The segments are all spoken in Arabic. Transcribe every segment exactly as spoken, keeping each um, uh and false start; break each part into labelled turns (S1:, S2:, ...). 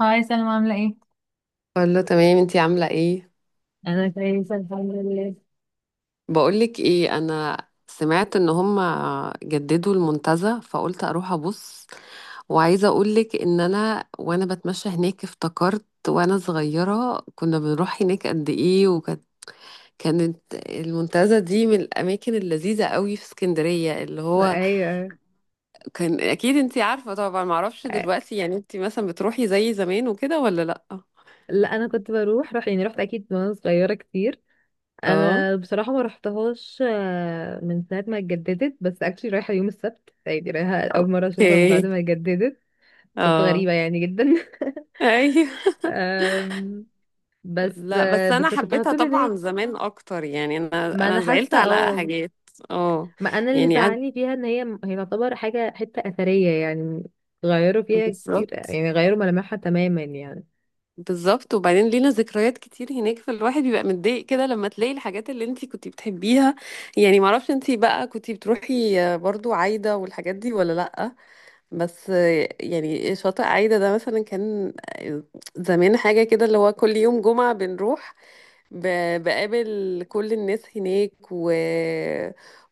S1: هاي سلمى، عاملة ايه؟
S2: كله تمام، انتي عاملة ايه؟
S1: انا كويسه الحمد لله.
S2: بقولك ايه، انا سمعت ان هما جددوا المنتزه، فقلت اروح ابص. وعايزة اقولك ان انا، وانا بتمشى هناك، افتكرت وانا صغيرة كنا بنروح هناك قد ايه. وكانت كانت المنتزه دي من الاماكن اللذيذة قوي في اسكندرية. اللي هو
S1: ايوه.
S2: كان، اكيد انتي عارفة طبعا، معرفش
S1: أ-
S2: دلوقتي، يعني انتي مثلا بتروحي زي زمان وكده ولا لا؟
S1: لا انا كنت بروح روح يعني، رحت اكيد وانا صغيره كتير.
S2: اه.
S1: انا بصراحه ما رحتهاش، آه، من ساعه ما اتجددت، بس اكشلي رايحه يوم السبت، يعني رايحه اول مره اشوفها بعد
S2: اوكي.
S1: ما اتجددت. صدفه
S2: اه.
S1: غريبه يعني جدا.
S2: ايوه.
S1: أم، بس
S2: لا، بس
S1: آه، بس
S2: انا
S1: كنت على
S2: حبيتها
S1: طول هناك.
S2: طبعا زمان اكتر، يعني انا
S1: ما انا
S2: انا زعلت
S1: حاسه.
S2: على
S1: اه.
S2: حاجات. اه.
S1: ما انا اللي
S2: يعني قعد.
S1: زعلني فيها ان هي هي تعتبر حاجه حته اثريه يعني. غيروا فيها كتير،
S2: بالظبط.
S1: يعني غيروا ملامحها تماما يعني.
S2: بالظبط. وبعدين لينا ذكريات كتير هناك، فالواحد بيبقى متضايق كده لما تلاقي الحاجات اللي انتي كنتي بتحبيها. يعني معرفش انتي بقى كنتي بتروحي برضو عايدة والحاجات دي ولا لأ. بس يعني شاطئ عايدة ده مثلا كان زمان حاجة كده، اللي هو كل يوم جمعة بنروح، ب- بقابل كل الناس هناك، و...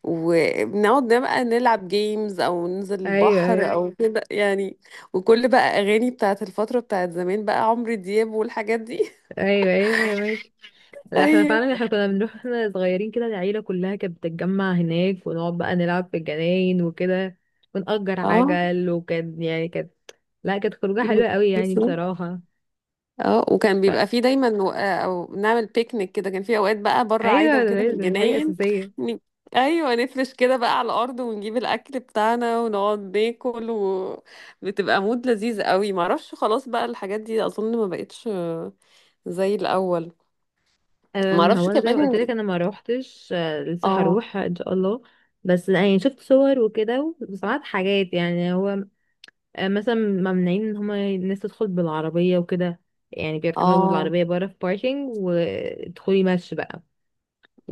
S2: وبنقعد بقى نلعب جيمز او ننزل
S1: ايوه،
S2: البحر،
S1: ايوه.
S2: او أيوة، كده يعني. وكل بقى اغاني بتاعت الفترة بتاعت زمان، بقى عمرو دياب والحاجات دي.
S1: ايوه ايوه، فاهمك. لا احنا
S2: ايوه.
S1: فعلا، احنا كنا بنروح احنا صغيرين كده، العيله كلها كانت بتتجمع هناك ونقعد بقى نلعب في الجناين وكده، ونأجر
S2: اه.
S1: عجل، وكانت يعني كانت، لا كانت خروجه حلوه قوي يعني بصراحه.
S2: اه. وكان بيبقى
S1: ف...
S2: فيه دايما، و... آه، او نعمل بيكنيك كده، كان في اوقات بقى بره عايده
S1: ايوه، ده
S2: وكده في
S1: لازم، دي حاجه
S2: الجناين.
S1: اساسيه.
S2: ن- ايوه، نفرش كده بقى على الارض ونجيب الاكل بتاعنا ونقعد ناكل، وبتبقى مود لذيذ قوي. معرفش، خلاص بقى الحاجات دي اظن ما بقتش آه، زي الاول.
S1: أم، هو
S2: معرفش
S1: انا زي ما قلت
S2: كمان.
S1: لك، انا ما روحتش، آه، لسه
S2: اه.
S1: هروح ان شاء الله. بس يعني شفت صور وكده، وسمعت حاجات يعني. هو آه، مثلا ممنوعين ان هما الناس تدخل بالعربية وكده، يعني بيركنوا
S2: اه.
S1: العربية بره في باركينج وتدخلي مشي بقى.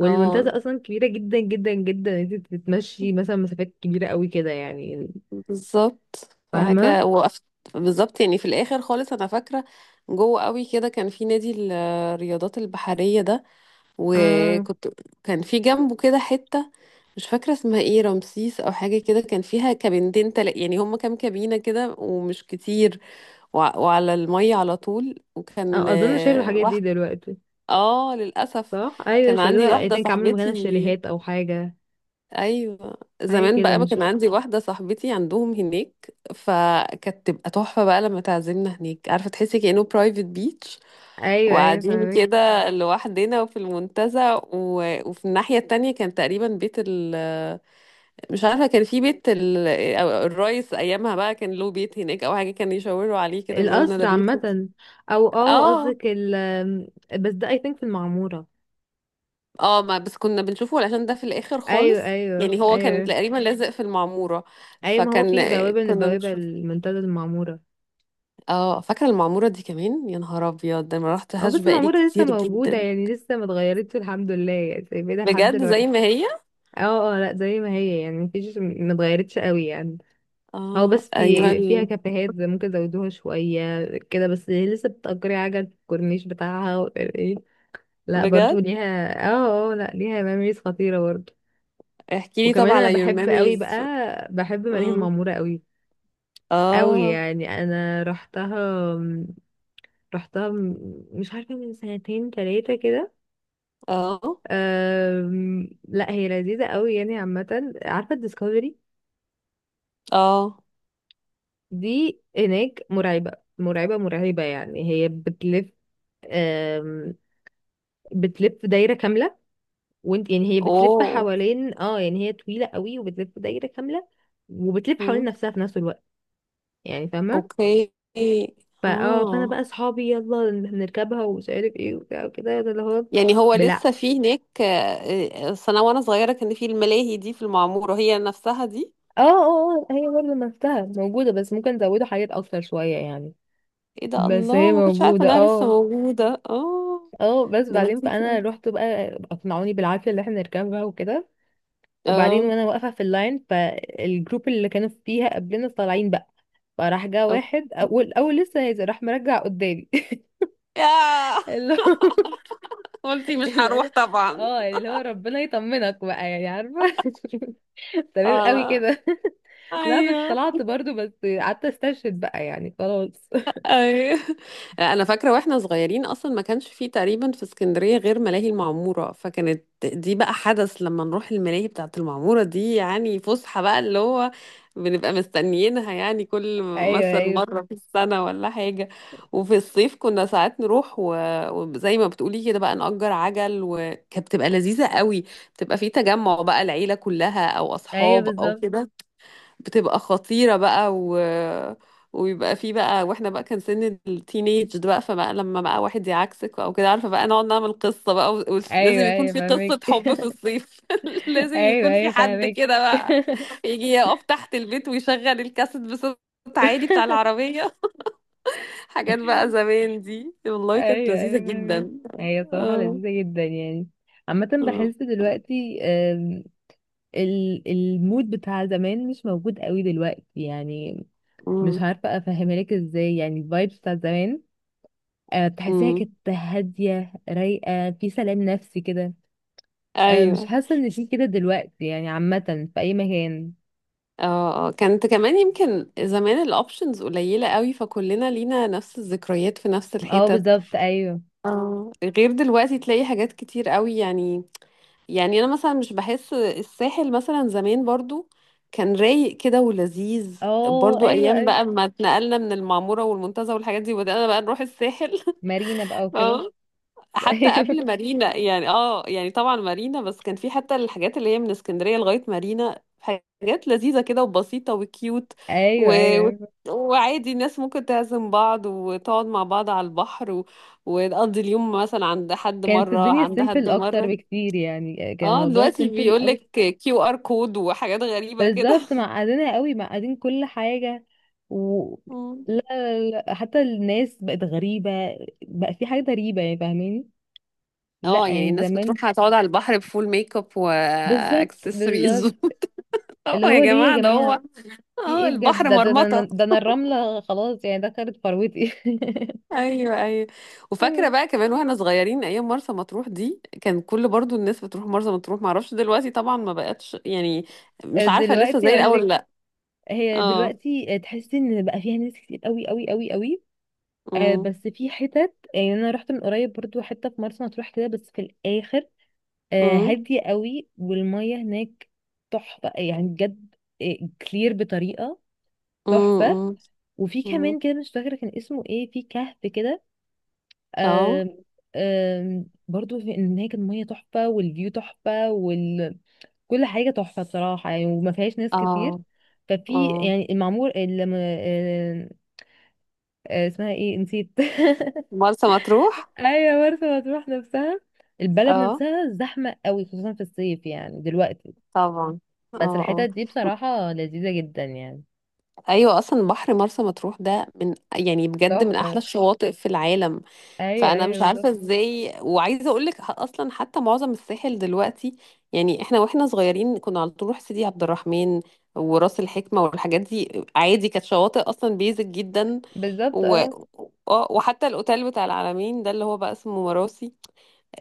S2: اه.
S1: اصلا كبيرة جدا جدا جدا، انت بتتمشي مثلا مسافات كبيرة قوي كده يعني.
S2: بالظبط.
S1: فاهمة.
S2: فحاجه وقفت. بالظبط، يعني في الاخر خالص انا فاكره جوه قوي كده كان في نادي الرياضات البحريه ده.
S1: اه،
S2: وكنت كان في جنبه كده حتة مش فاكرة اسمها ايه، رمسيس او حاجة كده، كان فيها كابينتين، تل... يعني هما كام كابينة كده، ومش كتير، وع وعلى المية على طول. وكان
S1: آه، اظن شايلوا
S2: آه،
S1: الحاجات دي
S2: واحد.
S1: دلوقتي.
S2: اه، للأسف.
S1: صح، ايوه
S2: كان عندي
S1: شالوها، اي
S2: واحدة
S1: ثينك عملوا
S2: صاحبتي.
S1: مكانها شاليهات او حاجة،
S2: ايوه،
S1: حاجة
S2: زمان
S1: كده
S2: بقى بقى
S1: مش...
S2: كان عندي واحدة صاحبتي عندهم هناك، فكانت تبقى تحفة بقى لما تعزمنا هناك. عارفة، تحسي كأنه برايفت بيتش
S1: ايوه ايوه
S2: وقاعدين
S1: فاهمك.
S2: كده لوحدنا وفي المنتزه. و... وفي الناحية التانية كان تقريبا بيت ال مش عارفة كان في بيت ال... أو الرئيس أيامها بقى كان له بيت هناك أو حاجة، كان يشاوروا عليه كده بيقولوا لنا ده
S1: القصر
S2: بيت.
S1: عامة، او اه
S2: اه.
S1: قصدك ال... بس ده اي ثينك في المعمورة.
S2: اه، ما بس كنا بنشوفه علشان ده في الآخر
S1: ايوه
S2: خالص،
S1: ايوه
S2: يعني هو كان
S1: ايوه.
S2: تقريبا لازق في المعمورة.
S1: ايوه ما هو
S2: فكان
S1: في بوابة من
S2: كنا
S1: البوابة
S2: بنشوف.
S1: المنتدى المعمورة.
S2: اه، فاكرة المعمورة دي كمان، يا نهار أبيض، ده ما
S1: اه
S2: رحتهاش
S1: بس
S2: بقالي
S1: المعمورة لسه
S2: كتير
S1: موجودة
S2: جدا.
S1: يعني، لسه ما اتغيرتش الحمد لله، يعني سايبينها لحد
S2: بجد زي
S1: دلوقتي.
S2: ما هي.
S1: اه اه، لا زي ما هي يعني، مفيش، ما اتغيرتش قوي يعني. هو
S2: اه.
S1: بس
S2: أيام
S1: في فيها
S2: ال-
S1: كافيهات زي ممكن زودوها شوية كده، بس لسه بتأجري عجل في الكورنيش بتاعها و- ايه. لا برضو
S2: بجد،
S1: ليها، اه. اه آه، لا ليها ميموريز خطيرة برضو.
S2: احكي لي
S1: وكمان
S2: طبعا
S1: انا
S2: على your
S1: بحب قوي بقى،
S2: memories.
S1: بحب ملاهي
S2: اه.
S1: المعمورة قوي قوي
S2: اه.
S1: يعني. انا رحتها رحتها م- مش عارفة، من سنتين تلاتة كده.
S2: اه.
S1: أم... لا هي لذيذة قوي يعني. عامة عارفة الديسكفري
S2: اه.
S1: دي هناك مرعبة، مرعبة مرعبة يعني. هي بتلف، أم... بتلف دايرة كاملة. وانت، يعني هي بتلف
S2: اوه.
S1: حوالين، اه يعني هي طويلة قوي وبتلف دايرة كاملة، وبتلف حوالين
S2: مم.
S1: نفسها في نفس الوقت. يعني فاهمة.
S2: اوكي.
S1: فا اه فانا
S2: اه،
S1: بقى صحابي، يلا نركبها ومش عارف ايه وبتاع وكده، ده اللي هو...
S2: يعني هو لسه في هناك؟ آه، آه، أصل انا وانا صغيره كان في الملاهي دي في المعموره هي نفسها دي.
S1: اه اه، آه، هي برضه نفسها موجودة، بس ممكن نزوده حاجات أكتر شوية يعني.
S2: ايه ده،
S1: بس هي
S2: الله، ما كنتش عارفه
S1: موجودة
S2: انها لسه
S1: اه.
S2: موجوده. اه.
S1: اه بس
S2: ده
S1: بعدين،
S2: لذيذ
S1: فأنا
S2: أوي.
S1: رحت بقى، أقنعوني بالعافية اللي احنا نركبها وكده، وبعدين
S2: اه.
S1: وأنا واقفة في اللاين، فالجروب اللي كانوا فيها قبلنا طالعين بقى، فراح جه
S2: اوكي.
S1: واحد أول أول لسه نازل راح مرجع قدامي.
S2: ياه.
S1: اللي هو
S2: قلتي مش
S1: اللي
S2: هروح
S1: هو
S2: طبعا.
S1: اه يعني اللي هو ربنا يطمنك بقى، يعني عارفة. تمام
S2: اه.
S1: قوي
S2: لا.
S1: كده. لا بس
S2: ايوه.
S1: طلعت برضو، بس قعدت استشهد بقى يعني خلاص.
S2: أيوة. آه، انا فاكره واحنا صغيرين اصلا ما كانش فيه تقريبا في اسكندريه غير ملاهي المعموره، فكانت دي بقى حدث لما نروح الملاهي بتاعه المعموره دي، يعني فسحه بقى اللي هو بنبقى مستنيينها، يعني كل
S1: ايوه
S2: مثلا
S1: ايوه
S2: مره في السنه ولا حاجه. وفي الصيف كنا ساعات نروح، و- وزي ما بتقولي كده بقى نأجر عجل، وكانت بتبقى لذيذه قوي. بتبقى في تجمع بقى العيله كلها او
S1: ايوه
S2: اصحاب او
S1: بالظبط.
S2: كده. بتبقى خطيرة بقى. و... ويبقى في بقى، واحنا بقى كان سن التينيج ده بقى، فبقى لما بقى واحد يعكسك او كده عارفة، بقى نقعد نعمل قصة بقى. و... ولازم
S1: ايوه
S2: يكون
S1: ايوه
S2: في
S1: فاهمك.
S2: قصة حب في الصيف. لازم
S1: ايوه
S2: يكون في
S1: ايوه
S2: حد
S1: فاهمك.
S2: كده بقى يجي يقف تحت البيت ويشغل الكاسيت بصوت عالي بتاع العربية. حاجات بقى زمان دي والله كانت
S1: ايوه
S2: لذيذة
S1: ايوه فاهمك.
S2: جدا.
S1: هي صراحه
S2: آه.
S1: لذيذه جدا يعني. عامه
S2: آه.
S1: بحس
S2: آه.
S1: دلوقتي، آم، ال- المود بتاع زمان مش موجود قوي دلوقتي يعني.
S2: آه.
S1: مش عارفه افهمها لك ازاي يعني، الفايبس بتاع زمان، آه، بتحسيها
S2: آه.
S1: كانت هاديه رايقه في سلام نفسي كده. آه، مش
S2: ايوه.
S1: حاسه ان في كده دلوقتي، يعني عامه في اي مكان.
S2: اه. آه، كانت كمان يمكن زمان الاوبشنز قليلة قوي، فكلنا لينا نفس الذكريات في نفس
S1: اه
S2: الحتت.
S1: بالظبط ايوه.
S2: اه، غير دلوقتي تلاقي حاجات كتير قوي يعني. يعني انا مثلا مش بحس الساحل مثلا زمان برضو كان رايق كده ولذيذ.
S1: اه
S2: برضو
S1: ايوه
S2: ايام
S1: ايوه.
S2: بقى ما اتنقلنا من المعمورة والمنتزه والحاجات دي، وبدأنا بقى نروح الساحل.
S1: مارينا بقى وكده.
S2: حتى
S1: ايوه
S2: قبل مارينا، يعني، اه، يعني طبعا مارينا، بس كان في حتى الحاجات اللي هي من اسكندرية لغاية مارينا، حاجات لذيذة كده وبسيطة وكيوت.
S1: ايوه
S2: و... و...
S1: ايوه.
S2: وعادي الناس ممكن تعزم بعض وتقعد مع بعض على البحر، و... وتقضي اليوم مثلا عند حد
S1: كانت
S2: مرة
S1: الدنيا
S2: عند حد
S1: سيمبل اكتر
S2: مرة.
S1: بكتير يعني، كان
S2: اه،
S1: الموضوع
S2: دلوقتي
S1: سيمبل
S2: بيقولك
S1: قوي.
S2: كيو ار كود وحاجات غريبة كده.
S1: بالظبط معقدينها قوي، معقدين كل حاجه. و...
S2: مم.
S1: لا، لا لا، حتى الناس بقت غريبه، بقى في حاجه غريبه يعني، فاهماني. لا
S2: اه، يعني
S1: يعني
S2: الناس
S1: زمان.
S2: بتروح هتقعد على البحر بفول ميك اب
S1: بالظبط
S2: واكسسوارز.
S1: بالظبط.
S2: اه،
S1: اللي
S2: يا
S1: هو ليه
S2: جماعة
S1: يا
S2: ده
S1: جماعه؟
S2: هو.
S1: في
S2: اه،
S1: ايه بجد؟
S2: البحر
S1: ده ده, ده,
S2: مرمطة.
S1: ده انا الرمله خلاص يعني، دخلت فروتي.
S2: ايوه. ايوه. وفاكره بقى كمان واحنا صغيرين ايام مرسى مطروح دي، كان كل برضو الناس بتروح مرسى مطروح. معرفش دلوقتي طبعا، ما بقتش يعني. مش عارفه لسه
S1: دلوقتي
S2: زي
S1: اقول
S2: الاول،
S1: لك،
S2: لا.
S1: هي
S2: اه.
S1: دلوقتي تحسي ان بقى فيها ناس كتير قوي قوي قوي قوي. آه،
S2: امم.
S1: بس في حتت، يعني انا رحت من قريب برضو حته في مرسى مطروح كده، بس في الاخر. آه
S2: امم.
S1: هاديه قوي، والميه هناك تحفه يعني بجد. آه، كلير بطريقه تحفه.
S2: امم.
S1: وفي
S2: امم.
S1: كمان كده مش فاكره كان اسمه ايه، في كهف كده.
S2: اه.
S1: آه آه برضو في هناك الميه تحفه والفيو تحفه وال... كل حاجه تحفه بصراحه يعني، وما فيهاش ناس كتير.
S2: اه.
S1: ففي
S2: اه.
S1: يعني المعمور اللي اسمها ايه، نسيت.
S2: مرسى مطروح.
S1: ايوه، مرسى مطروح نفسها، البلد
S2: اه،
S1: نفسها زحمة قوي خصوصا في الصيف يعني دلوقتي.
S2: طبعا. اه.
S1: بس الحتت
S2: اه.
S1: دي بصراحة لذيذة جدا يعني.
S2: ايوه، اصلا بحر مرسى مطروح ده من، يعني بجد، من
S1: تحفة.
S2: احلى الشواطئ في العالم.
S1: ايوه
S2: فانا
S1: ايوه
S2: مش
S1: بالظبط.
S2: عارفه ازاي. وعايزه اقول لك اصلا حتى معظم الساحل دلوقتي، يعني احنا واحنا صغيرين كنا على طول نروح سيدي عبد الرحمن وراس الحكمه والحاجات دي عادي، كانت شواطئ اصلا بيزك جدا.
S1: بالظبط.
S2: و...
S1: اه
S2: آه، وحتى الاوتيل بتاع العلمين ده اللي هو بقى اسمه مراسي،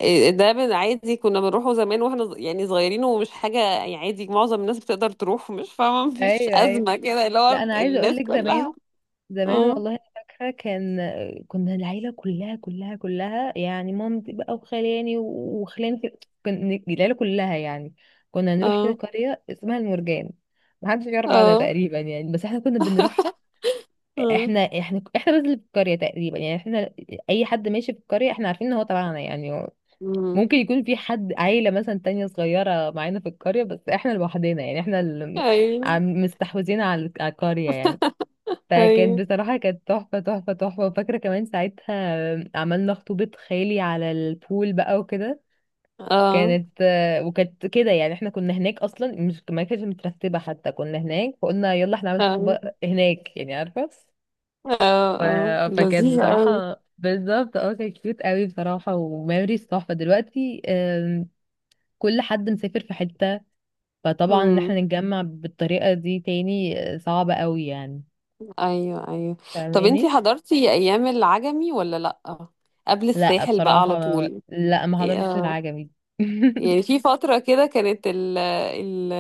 S2: إيه ده، بن- عادي كنا بنروحه زمان واحنا ص- يعني صغيرين، ومش حاجة يعني، عادي معظم الناس بتقدر تروح، مش فاهمة مفيش
S1: ايوه ايوه.
S2: أزمة كده اللي
S1: لا
S2: هو
S1: انا عايزة اقول
S2: الناس
S1: لك،
S2: كلها.
S1: زمان زمان
S2: اه.
S1: والله انا فاكرة، كان كنا العيلة كلها كلها كلها يعني، مامتي بقى وخلاني وخلاني في... كن... العيلة كلها يعني، كنا نروح كده
S2: اه.
S1: قرية اسمها المرجان، محدش يعرف عنها
S2: اه.
S1: تقريبا يعني بس احنا كنا بنروحها.
S2: اه.
S1: احنا احنا احنا بس اللي في القرية تقريبا يعني. احنا، اي حد ماشي في القرية احنا عارفين ان هو تبعنا يعني. هو
S2: أمم.
S1: ممكن يكون في حد عيلة مثلا تانية صغيرة معانا في القرية، بس احنا لوحدنا يعني، احنا اللي
S2: ايوه.
S1: عم- مستحوذين على على القرية يعني. فكانت
S2: ايوه.
S1: بصراحة كانت تحفة تحفة تحفة. وفاكرة كمان ساعتها عملنا خطوبة خالي على البول بقى وكده.
S2: اه.
S1: كانت، وكانت كده يعني، احنا كنا هناك اصلا، مش، ما كانتش مترتبة حتى، كنا هناك فقلنا يلا احنا نعمل
S2: اه.
S1: خطوبة هناك يعني عارفة.
S2: اه.
S1: ف...
S2: اه،
S1: فكانت
S2: لذيذ قوي.
S1: بصراحة بالظبط، اه كانت كيوت قوي بصراحة، وميموريز تحفة. دلوقتي آم، كل حد مسافر في حتة، فطبعا ان
S2: امم.
S1: احنا نتجمع بالطريقة دي تاني آه، صعبة قوي يعني،
S2: ايوه. ايوه. طب انتي
S1: فاهماني.
S2: حضرتي ايام العجمي ولا لأ؟ قبل
S1: لا
S2: الساحل بقى على
S1: بصراحة،
S2: طول.
S1: لا ما
S2: إيه،
S1: حضرتش
S2: آه.
S1: العجمي.
S2: يعني في فترة كده كانت ال ال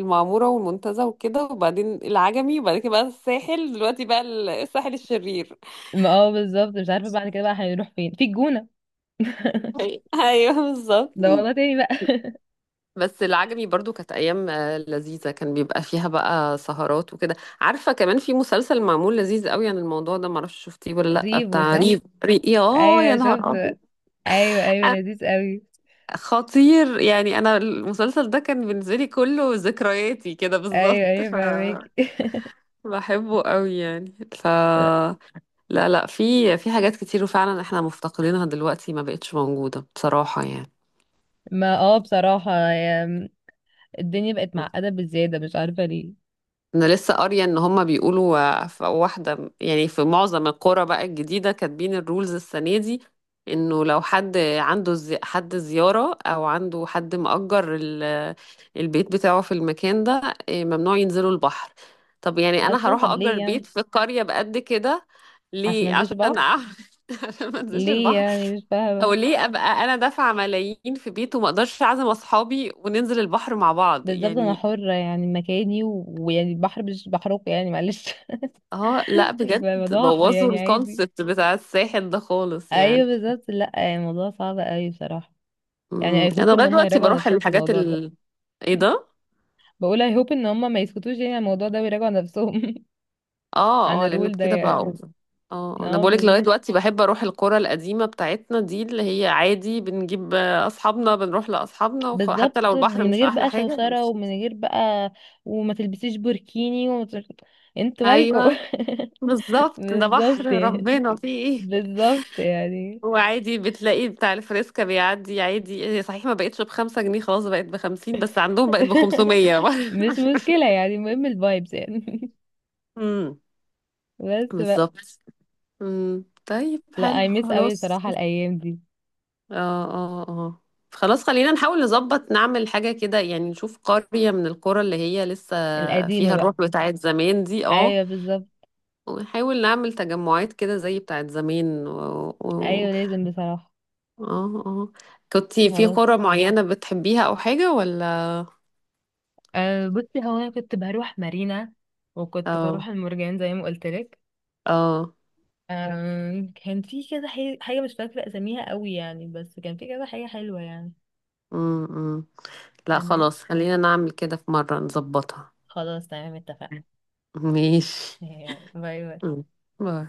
S2: المعمورة والمنتزه وكده، وبعدين العجمي، وبعد كده بقى الساحل، دلوقتي بقى ال- الساحل الشرير.
S1: ما اه بالظبط، مش عارفة بعد كده بقى هنروح فين، في الجونة
S2: أي- ايوه، بالظبط.
S1: ده والله تاني بقى.
S2: بس العجمي برضو كانت ايام آه، لذيذة، كان بيبقى فيها بقى سهرات وكده عارفة، كمان في مسلسل معمول لذيذ قوي عن الموضوع ده، معرفش شفتيه ولا لا،
S1: ريفو،
S2: بتاع ريف
S1: صح.
S2: ريف يا، يا
S1: ايوه
S2: نهار
S1: شفت.
S2: ابيض،
S1: ايوه ايوه لذيذ قوي.
S2: خطير. يعني انا المسلسل ده كان بالنسبة لي كله ذكرياتي كده
S1: ايوه
S2: بالظبط.
S1: ايوه
S2: ف...
S1: فاهمك.
S2: بحبه قوي يعني. ف لا، لا، في في حاجات كتير، وفعلا احنا مفتقدينها دلوقتي ما بقتش موجودة بصراحة يعني.
S1: ما اه بصراحة، الدنيا بقت معقدة بزيادة، مش عارفة ليه.
S2: انا لسه قارية ان هما بيقولوا، آه، في واحدة، يعني في معظم القرى بقى الجديدة كاتبين الرولز السنة دي انه لو حد عنده زي... حد زيارة او عنده حد مأجر ال... البيت بتاعه في المكان ده آه، ممنوع ينزلوا البحر. طب يعني انا
S1: أصلا
S2: هروح
S1: طب ليه
S2: اجر
S1: يعني؟
S2: بيت في قرية بقد كده
S1: عشان ما
S2: ليه؟
S1: انزلش
S2: عشان
S1: بحر؟
S2: أعمل؟ عشان ما انزلش
S1: ليه
S2: البحر؟
S1: يعني؟ مش
S2: او
S1: فاهمة.
S2: ليه ابقى انا دافعه ملايين في بيت وما اقدرش اعزم اصحابي وننزل البحر مع بعض
S1: بالظبط، أنا
S2: يعني؟
S1: حرة يعني مكاني و- ويعني البحر مش بحركه يعني، معلش.
S2: اه، لا، بجد
S1: فالموضوع بحر
S2: بوظوا
S1: يعني عادي.
S2: الكونسبت بتاع الساحل ده خالص يعني.
S1: أيوه بالظبط. لأ يعني الموضوع صعب أوي بصراحة.
S2: امم،
S1: يعني I hope
S2: انا
S1: إن
S2: لغايه
S1: هم
S2: دلوقتي
S1: يراجعوا
S2: بروح
S1: نفسهم في
S2: الحاجات
S1: الموضوع ده.
S2: ال ايه ده.
S1: بقول I hope إن هم ما يسكتوش يعني عن الموضوع ده، ويراجعوا نفسهم. عن
S2: اه. اه، لانه
S1: الرول ده
S2: كده بقى
S1: يعني.
S2: اوفر. اه، آه، انا
S1: اه
S2: بقولك لغايه
S1: بالظبط
S2: دلوقتي بحب اروح القرى القديمه بتاعتنا دي اللي هي عادي، بنجيب آه، اصحابنا، بنروح لاصحابنا، وخ... حتى لو
S1: بالظبط،
S2: البحر
S1: من
S2: مش
S1: غير
S2: احلى
S1: بقى
S2: حاجه
S1: شوشرة،
S2: بنمشي.
S1: ومن غير بقى، وما تلبسيش بوركيني وما تلبسيش... انتوا مالكوا؟
S2: ايوه بالظبط، ده بحر
S1: بالظبط يعني،
S2: ربنا، فيه ايه؟
S1: بالظبط يعني.
S2: هو عادي بتلاقي بتاع الفريسكا بيعدي عادي، هي صحيح ما بقتش بخمسة جنيه، خلاص بقت بخمسين، بس عندهم بقت بخمسمية.
S1: مش مشكلة يعني، المهم الفايبس يعني.
S2: امم.
S1: بس بقى.
S2: بالظبط. امم. طيب،
S1: لا
S2: حلو،
S1: اي ميس قوي
S2: خلاص.
S1: صراحة الايام دي.
S2: اه. اه. اه. خلاص خلينا نحاول نظبط نعمل حاجة كده، يعني نشوف قرية من القرى اللي هي لسه
S1: القديمة
S2: فيها
S1: بقى.
S2: الروح بتاعت زمان دي. اه،
S1: ايوه بالظبط.
S2: ونحاول نعمل تجمعات كده زي بتاعت زمان. و... و...
S1: ايوه لازم بصراحة.
S2: اه. اه. كنتي في
S1: خلاص.
S2: قرى معينة بتحبيها أو حاجة ولا؟
S1: أه بصي، هو انا كنت بروح مارينا، وكنت
S2: اه.
S1: بروح المرجان زي ما قلت لك،
S2: اه.
S1: آم، كان في كذا حي- حاجة مش فاكرة أساميها قوي يعني، بس كان في كذا حاجة حلوة يعني.
S2: امم. لا،
S1: تمام.
S2: خلاص، خلينا نعمل كده في مرة نظبطها.
S1: خلاص تمام اتفقنا.
S2: ماشي.
S1: باي باي.
S2: مم. باي.